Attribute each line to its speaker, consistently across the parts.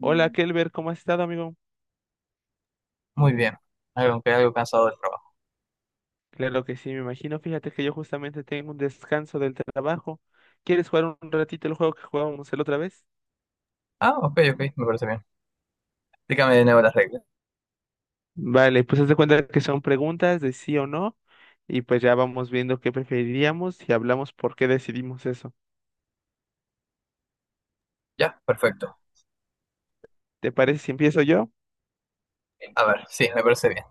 Speaker 1: Hola, Kelber, ¿cómo has estado, amigo?
Speaker 2: bien. Algo, aunque algo cansado del trabajo.
Speaker 1: Claro que sí, me imagino. Fíjate que yo justamente tengo un descanso del trabajo. ¿Quieres jugar un ratito el juego que jugábamos la otra vez?
Speaker 2: Ah, ok, ok, me parece bien. Explícame de nuevo las reglas.
Speaker 1: Vale, pues haz de cuenta que son preguntas de sí o no, y pues ya vamos viendo qué preferiríamos y hablamos por qué decidimos eso.
Speaker 2: Ya, perfecto.
Speaker 1: ¿Te parece si empiezo yo?
Speaker 2: A ver, sí, me parece bien.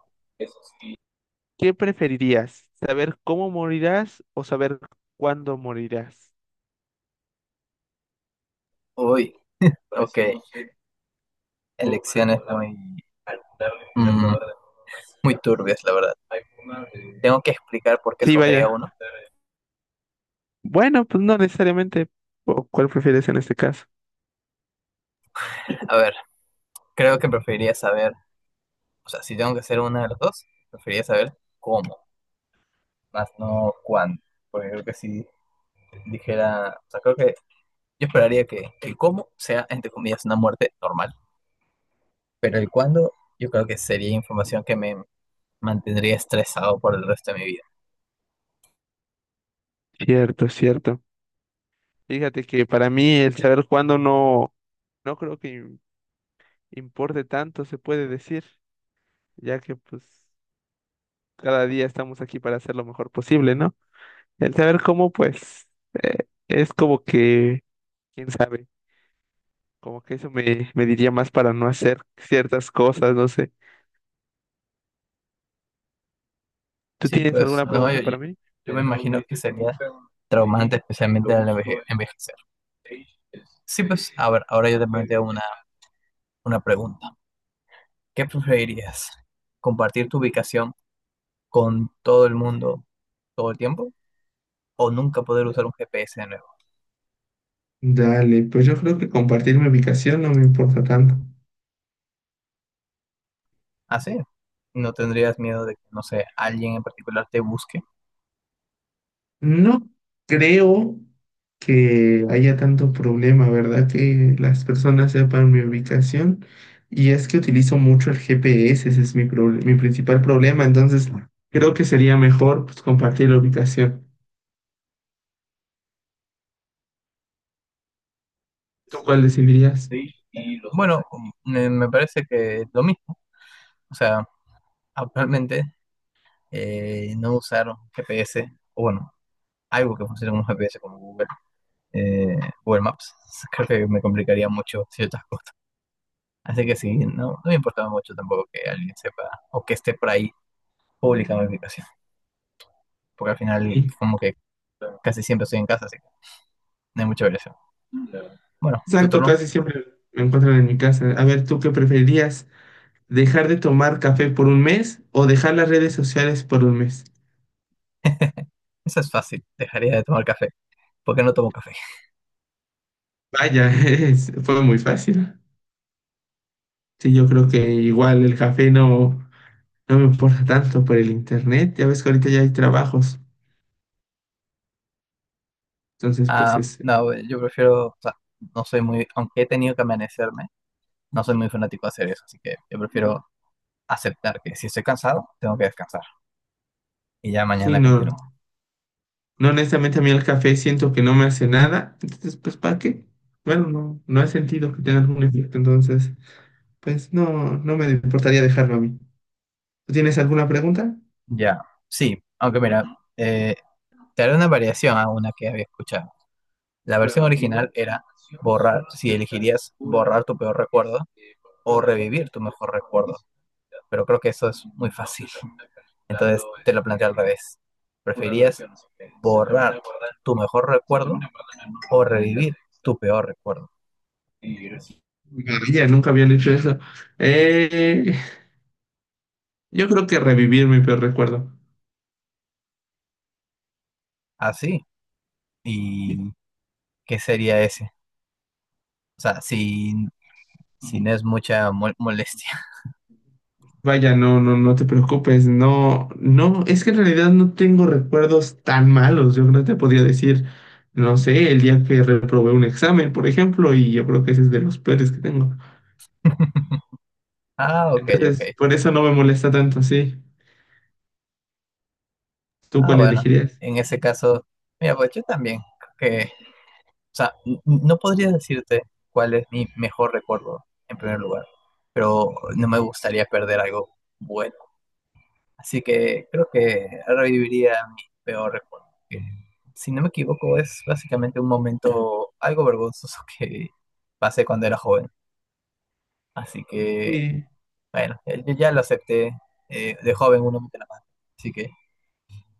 Speaker 1: ¿Qué preferirías? ¿Saber cómo morirás o saber cuándo morirás?
Speaker 2: Uy, ok. Elecciones muy, mm, muy turbias, la verdad. Tengo que explicar por qué
Speaker 1: Sí,
Speaker 2: escogería
Speaker 1: vaya.
Speaker 2: uno.
Speaker 1: Bueno, pues no necesariamente. ¿O ¿Cuál prefieres en este caso?
Speaker 2: A ver, creo que preferiría saber, o sea, si tengo que hacer una de las dos, preferiría saber cómo, más no cuándo. Porque creo que si dijera, o sea, creo que yo esperaría que el cómo sea, entre comillas, una muerte normal, pero el cuándo yo creo que sería información que me mantendría estresado por el resto de mi vida.
Speaker 1: Cierto, cierto. Fíjate que para mí el saber cuándo no, no creo que importe tanto, se puede decir, ya que pues cada día estamos aquí para hacer lo mejor posible, ¿no? El saber cómo, pues, es como que, quién sabe, como que eso me diría más para no hacer ciertas cosas, no sé. ¿Tú
Speaker 2: Sí,
Speaker 1: tienes
Speaker 2: pues
Speaker 1: alguna
Speaker 2: no,
Speaker 1: pregunta
Speaker 2: yo, yo-
Speaker 1: para mí?
Speaker 2: yo me imagino que sería traumante, especialmente al envejecer. Sí, pues a ver, ahora yo te planteo una pregunta. ¿Qué preferirías? ¿Compartir tu ubicación con todo el mundo todo el tiempo o nunca poder usar un GPS de nuevo?
Speaker 1: Dale, pues yo creo que compartir mi ubicación no me importa tanto.
Speaker 2: Así, ¿no tendrías miedo de que, no sé, alguien en particular te busque?
Speaker 1: No creo que haya tanto problema, ¿verdad? Que las personas sepan mi ubicación. Y es que utilizo mucho el GPS, ese es mi principal problema. Entonces, creo que sería mejor pues, compartir la ubicación. ¿Tú cuál decidirías?
Speaker 2: Sí. Bueno, me parece que lo mismo. O sea, actualmente no usar GPS, o bueno, algo que funcione como GPS, como Google, eh, Google Maps, creo que me complicaría mucho ciertas cosas. Así que sí, no, no me importaba mucho tampoco que alguien sepa o que esté por ahí pública mi ubicación, porque al final
Speaker 1: Sí.
Speaker 2: como que casi siempre estoy en casa, así que no hay mucha variación. Bueno, tu
Speaker 1: Exacto,
Speaker 2: turno.
Speaker 1: casi siempre me encuentran en mi casa. A ver, ¿tú qué preferirías? ¿Dejar de tomar café por un mes o dejar las redes sociales por un mes?
Speaker 2: Eso es fácil, dejaría de tomar café, porque no tomo café.
Speaker 1: Vaya, fue muy fácil. Sí, yo creo que igual el café no. No me importa tanto por el internet. Ya ves que ahorita ya hay trabajos. Entonces, pues
Speaker 2: Ah,
Speaker 1: es,
Speaker 2: no, yo prefiero, o sea, no soy muy, aunque he tenido que amanecerme, no soy muy fanático de hacer eso, así que yo prefiero aceptar que si estoy cansado, tengo que descansar y ya
Speaker 1: sí,
Speaker 2: mañana
Speaker 1: no,
Speaker 2: continúo.
Speaker 1: no, honestamente a mí el café siento que no me hace nada. Entonces, pues, ¿para qué? Bueno, no, no he sentido que tenga algún efecto. Entonces, pues no, no me importaría dejarlo a mí. ¿Tú tienes alguna pregunta?
Speaker 2: Ya, sí, aunque mira, eh, te haré una variación a una que había escuchado. La versión original era borrar, si elegirías borrar tu peor recuerdo o revivir tu mejor recuerdo, pero creo que eso es muy fácil. Entonces te lo planteo al revés. ¿Preferías borrar tu mejor recuerdo o revivir tu peor recuerdo?
Speaker 1: Maravilla, nunca habían hecho eso. Eh, yo creo que revivir mi peor recuerdo.
Speaker 2: Así. ¿Y qué sería ese? O sea, sin es mucha molestia.
Speaker 1: Vaya, no, no, no te preocupes, no, no, es que en realidad no tengo recuerdos tan malos. Yo no te podría decir, no sé, el día que reprobé un examen, por ejemplo, y yo creo que ese es de los peores que tengo.
Speaker 2: Ah, ok,
Speaker 1: Entonces,
Speaker 2: ok.
Speaker 1: por eso no me molesta tanto, sí. ¿Tú
Speaker 2: Ah,
Speaker 1: cuál
Speaker 2: bueno.
Speaker 1: elegirías?
Speaker 2: En ese caso, mira, pues yo también creo que, o sea, no podría decirte cuál es mi mejor recuerdo, en primer lugar, pero no me gustaría perder algo bueno. Así que creo que reviviría mi peor recuerdo, que, si no me equivoco, es básicamente un momento algo vergonzoso que pasé cuando era joven. Así que,
Speaker 1: Sí,
Speaker 2: bueno, yo ya lo acepté. De joven uno mete la mano. Así que,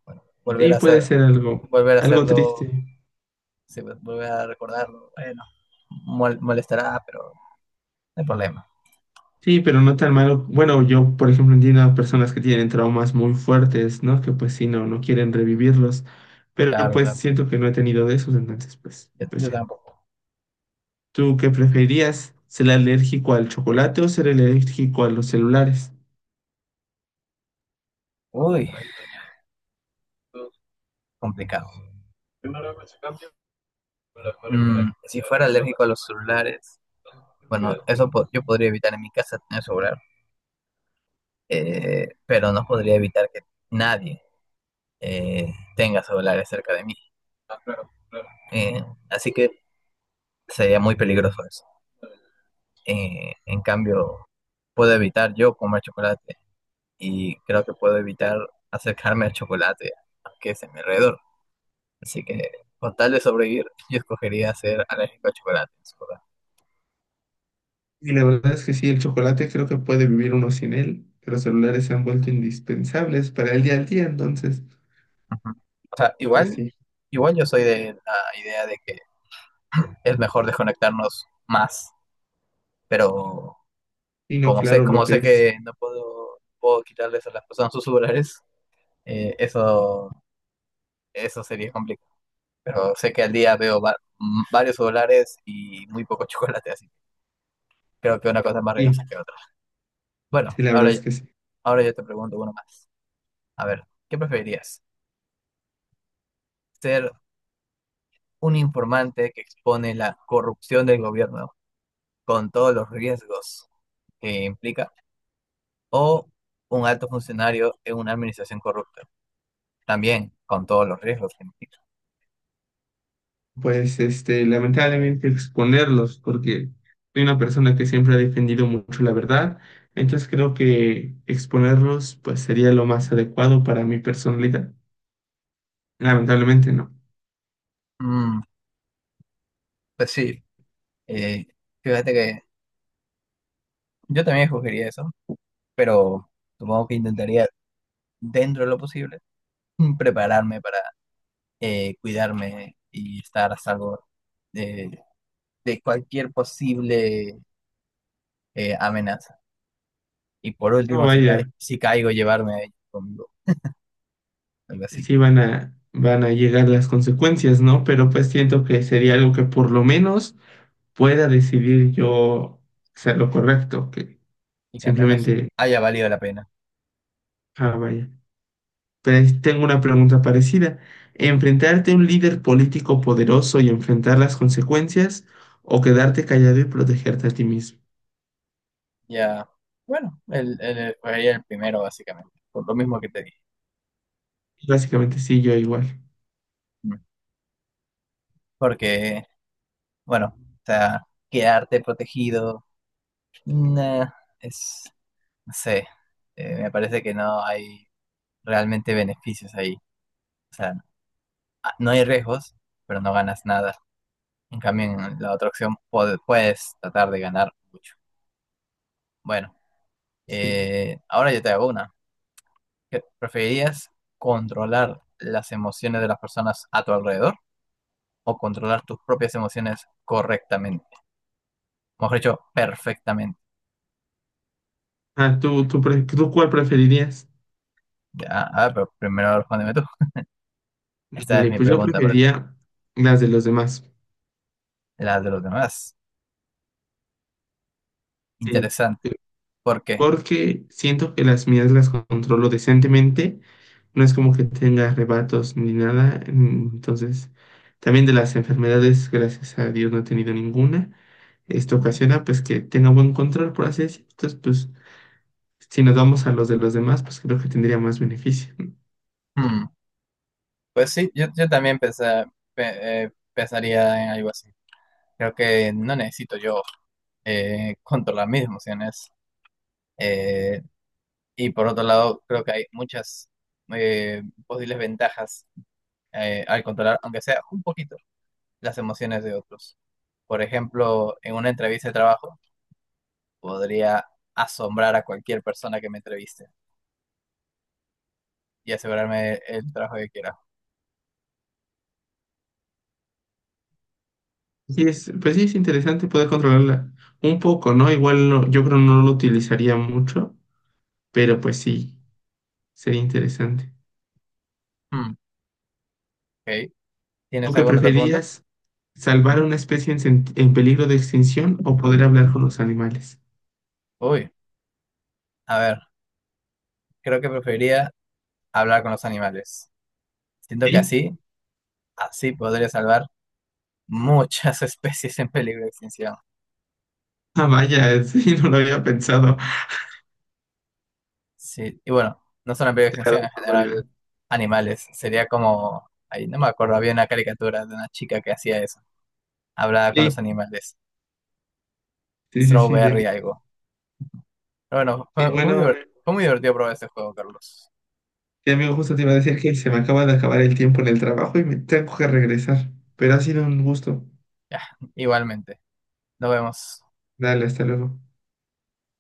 Speaker 2: bueno,
Speaker 1: sí, puede ser algo,
Speaker 2: volver a
Speaker 1: algo
Speaker 2: hacerlo,
Speaker 1: triste.
Speaker 2: sí, pues, volver a recordarlo, bueno, molestará, pero no hay problema.
Speaker 1: Sí, pero no tan malo. Bueno, yo, por ejemplo, entiendo a personas que tienen traumas muy fuertes, ¿no? Que pues sí, no, no quieren revivirlos. Pero
Speaker 2: Claro,
Speaker 1: pues
Speaker 2: claro.
Speaker 1: siento que no he tenido de esos, entonces pues,
Speaker 2: Yo,
Speaker 1: pues
Speaker 2: yo
Speaker 1: ya.
Speaker 2: tampoco.
Speaker 1: ¿Tú qué preferirías? ¿Ser alérgico al chocolate o ser alérgico a los celulares?
Speaker 2: Uy, complicado. Mm, si fuera alérgico a los celulares, bueno, eso yo podría evitar en mi casa tener celular, pero no podría evitar que nadie tenga celulares cerca de mí. Eh, así que sería muy peligroso eso. En cambio, puedo evitar yo comer chocolate y creo que puedo evitar acercarme al chocolate que es a mi alrededor. Así que, con tal de sobrevivir, yo escogería ser alérgico al chocolate en su lugar.
Speaker 1: Y la verdad es que sí, el chocolate creo que puede vivir uno sin él, pero los celulares se han vuelto indispensables para el día al día, entonces,
Speaker 2: Ujú. O sea,
Speaker 1: pues
Speaker 2: igual,
Speaker 1: sí.
Speaker 2: igual yo soy de la idea de que es mejor desconectarnos más, pero
Speaker 1: Y no,
Speaker 2: como sé,
Speaker 1: claro, lo
Speaker 2: como
Speaker 1: que
Speaker 2: sé
Speaker 1: es.
Speaker 2: que no puedo, quitarles a las personas sus celulares, eso, eso sería complicado. Pero sé que al día veo varios celulares y muy poco chocolate, así que creo que una cosa es más riesgosa
Speaker 1: Sí,
Speaker 2: que otra.
Speaker 1: sí,
Speaker 2: Bueno,
Speaker 1: la verdad
Speaker 2: ahora,
Speaker 1: es que sí.
Speaker 2: ahora yo te pregunto uno más. A ver, ¿qué preferirías? ¿Ser un informante que expone la corrupción del gobierno con todos los riesgos que implica? ¿O un alto funcionario en una administración corrupta? También con todos los riesgos que implica.
Speaker 1: Pues, lamentablemente exponerlos, porque soy una persona que siempre ha defendido mucho la verdad, entonces creo que exponerlos, pues sería lo más adecuado para mi personalidad. Lamentablemente no.
Speaker 2: Mm, Pues sí, eh, fíjate que yo también escogería eso, pero supongo que intentaría, dentro de lo posible, prepararme para cuidarme y estar a salvo de, de cualquier posible amenaza. Y por
Speaker 1: No
Speaker 2: último, si,
Speaker 1: vaya.
Speaker 2: si caigo, llevarme a ellos conmigo, algo así.
Speaker 1: Sí van a llegar las consecuencias, ¿no? Pero pues siento que sería algo que por lo menos pueda decidir yo hacer lo correcto, que
Speaker 2: Y que al menos
Speaker 1: simplemente,
Speaker 2: haya valido la pena.
Speaker 1: vaya. Pero ahí tengo una pregunta parecida.
Speaker 2: Mm,
Speaker 1: ¿Enfrentarte a un líder político poderoso y enfrentar las consecuencias o quedarte callado y protegerte a ti mismo?
Speaker 2: Ya, bueno, escogería el primero, básicamente, por lo mismo que te dije.
Speaker 1: Básicamente sí, yo igual.
Speaker 2: Mm. Porque, bueno, o sea, quedarte protegido. Nah, es, no sé, me parece que no hay realmente beneficios ahí. O sea, ah, no hay riesgos, pero no ganas nada. En cambio, en la otra opción puedes tratar de ganar mucho. Bueno,
Speaker 1: Sí.
Speaker 2: ahora yo te hago una. ¿Preferirías controlar las emociones de las personas a tu alrededor o controlar tus propias emociones correctamente? Mejor dicho, perfectamente.
Speaker 1: Ah, ¿tú cuál preferirías?
Speaker 2: Ya, a ver, pero primero respóndeme tú. Esta es
Speaker 1: Vale,
Speaker 2: mi
Speaker 1: pues yo
Speaker 2: pregunta para ti.
Speaker 1: preferiría las de los demás.
Speaker 2: La de los demás.
Speaker 1: Sí.
Speaker 2: Interesante. ¿Por qué?
Speaker 1: Porque siento que las mías las controlo decentemente, no es como que tenga arrebatos ni nada, entonces también de las enfermedades, gracias a Dios no he tenido ninguna, esto
Speaker 2: Mm.
Speaker 1: ocasiona pues que tenga buen control, por así decirlo, entonces pues si nos vamos a los de los demás, pues creo que tendría más beneficio.
Speaker 2: Mm. Pues sí, yo también pensaría en algo así. Creo que no necesito yo controlar mis emociones. Eh, y por otro lado, creo que hay muchas posibles ventajas al controlar, aunque sea un poquito, las emociones de otros. Por ejemplo, en una entrevista de trabajo, podría asombrar a cualquier persona que me entreviste y asegurarme el trabajo que quiera.
Speaker 1: Y es, pues sí, es interesante poder controlarla un poco, ¿no? Igual yo creo no lo utilizaría mucho, pero pues sí, sería interesante.
Speaker 2: Mm. Ok.
Speaker 1: ¿Tú
Speaker 2: ¿Tienes
Speaker 1: qué
Speaker 2: alguna otra pregunta?
Speaker 1: preferías? ¿Salvar
Speaker 2: Ujú.
Speaker 1: a una especie en peligro de extinción o poder hablar con los animales?
Speaker 2: Uy, a ver. Creo que preferiría hablar con los animales. Siento que
Speaker 1: Sí.
Speaker 2: así, así podría salvar muchas especies en peligro de extinción.
Speaker 1: Ah, vaya, sí, no lo había pensado.
Speaker 2: Sí, y bueno, no solo en peligro
Speaker 1: Te
Speaker 2: de
Speaker 1: la
Speaker 2: extinción,
Speaker 1: doy
Speaker 2: en
Speaker 1: por
Speaker 2: general,
Speaker 1: válida.
Speaker 2: animales. Sería como, ahí no me acuerdo, había una caricatura de una chica que hacía eso. Hablaba con los
Speaker 1: Sí,
Speaker 2: animales.
Speaker 1: sí, sí, sí,
Speaker 2: Strawberry
Speaker 1: Denis.
Speaker 2: algo. Pero bueno,
Speaker 1: Y
Speaker 2: fue muy,
Speaker 1: bueno, amigo,
Speaker 2: fue muy divertido probar este juego, Carlos.
Speaker 1: sí, amigo, justo te iba a decir que se me acaba de acabar el tiempo en el trabajo y me tengo que regresar. Pero ha sido un gusto.
Speaker 2: Ya, igualmente. Nos vemos.
Speaker 1: Dale, hasta luego.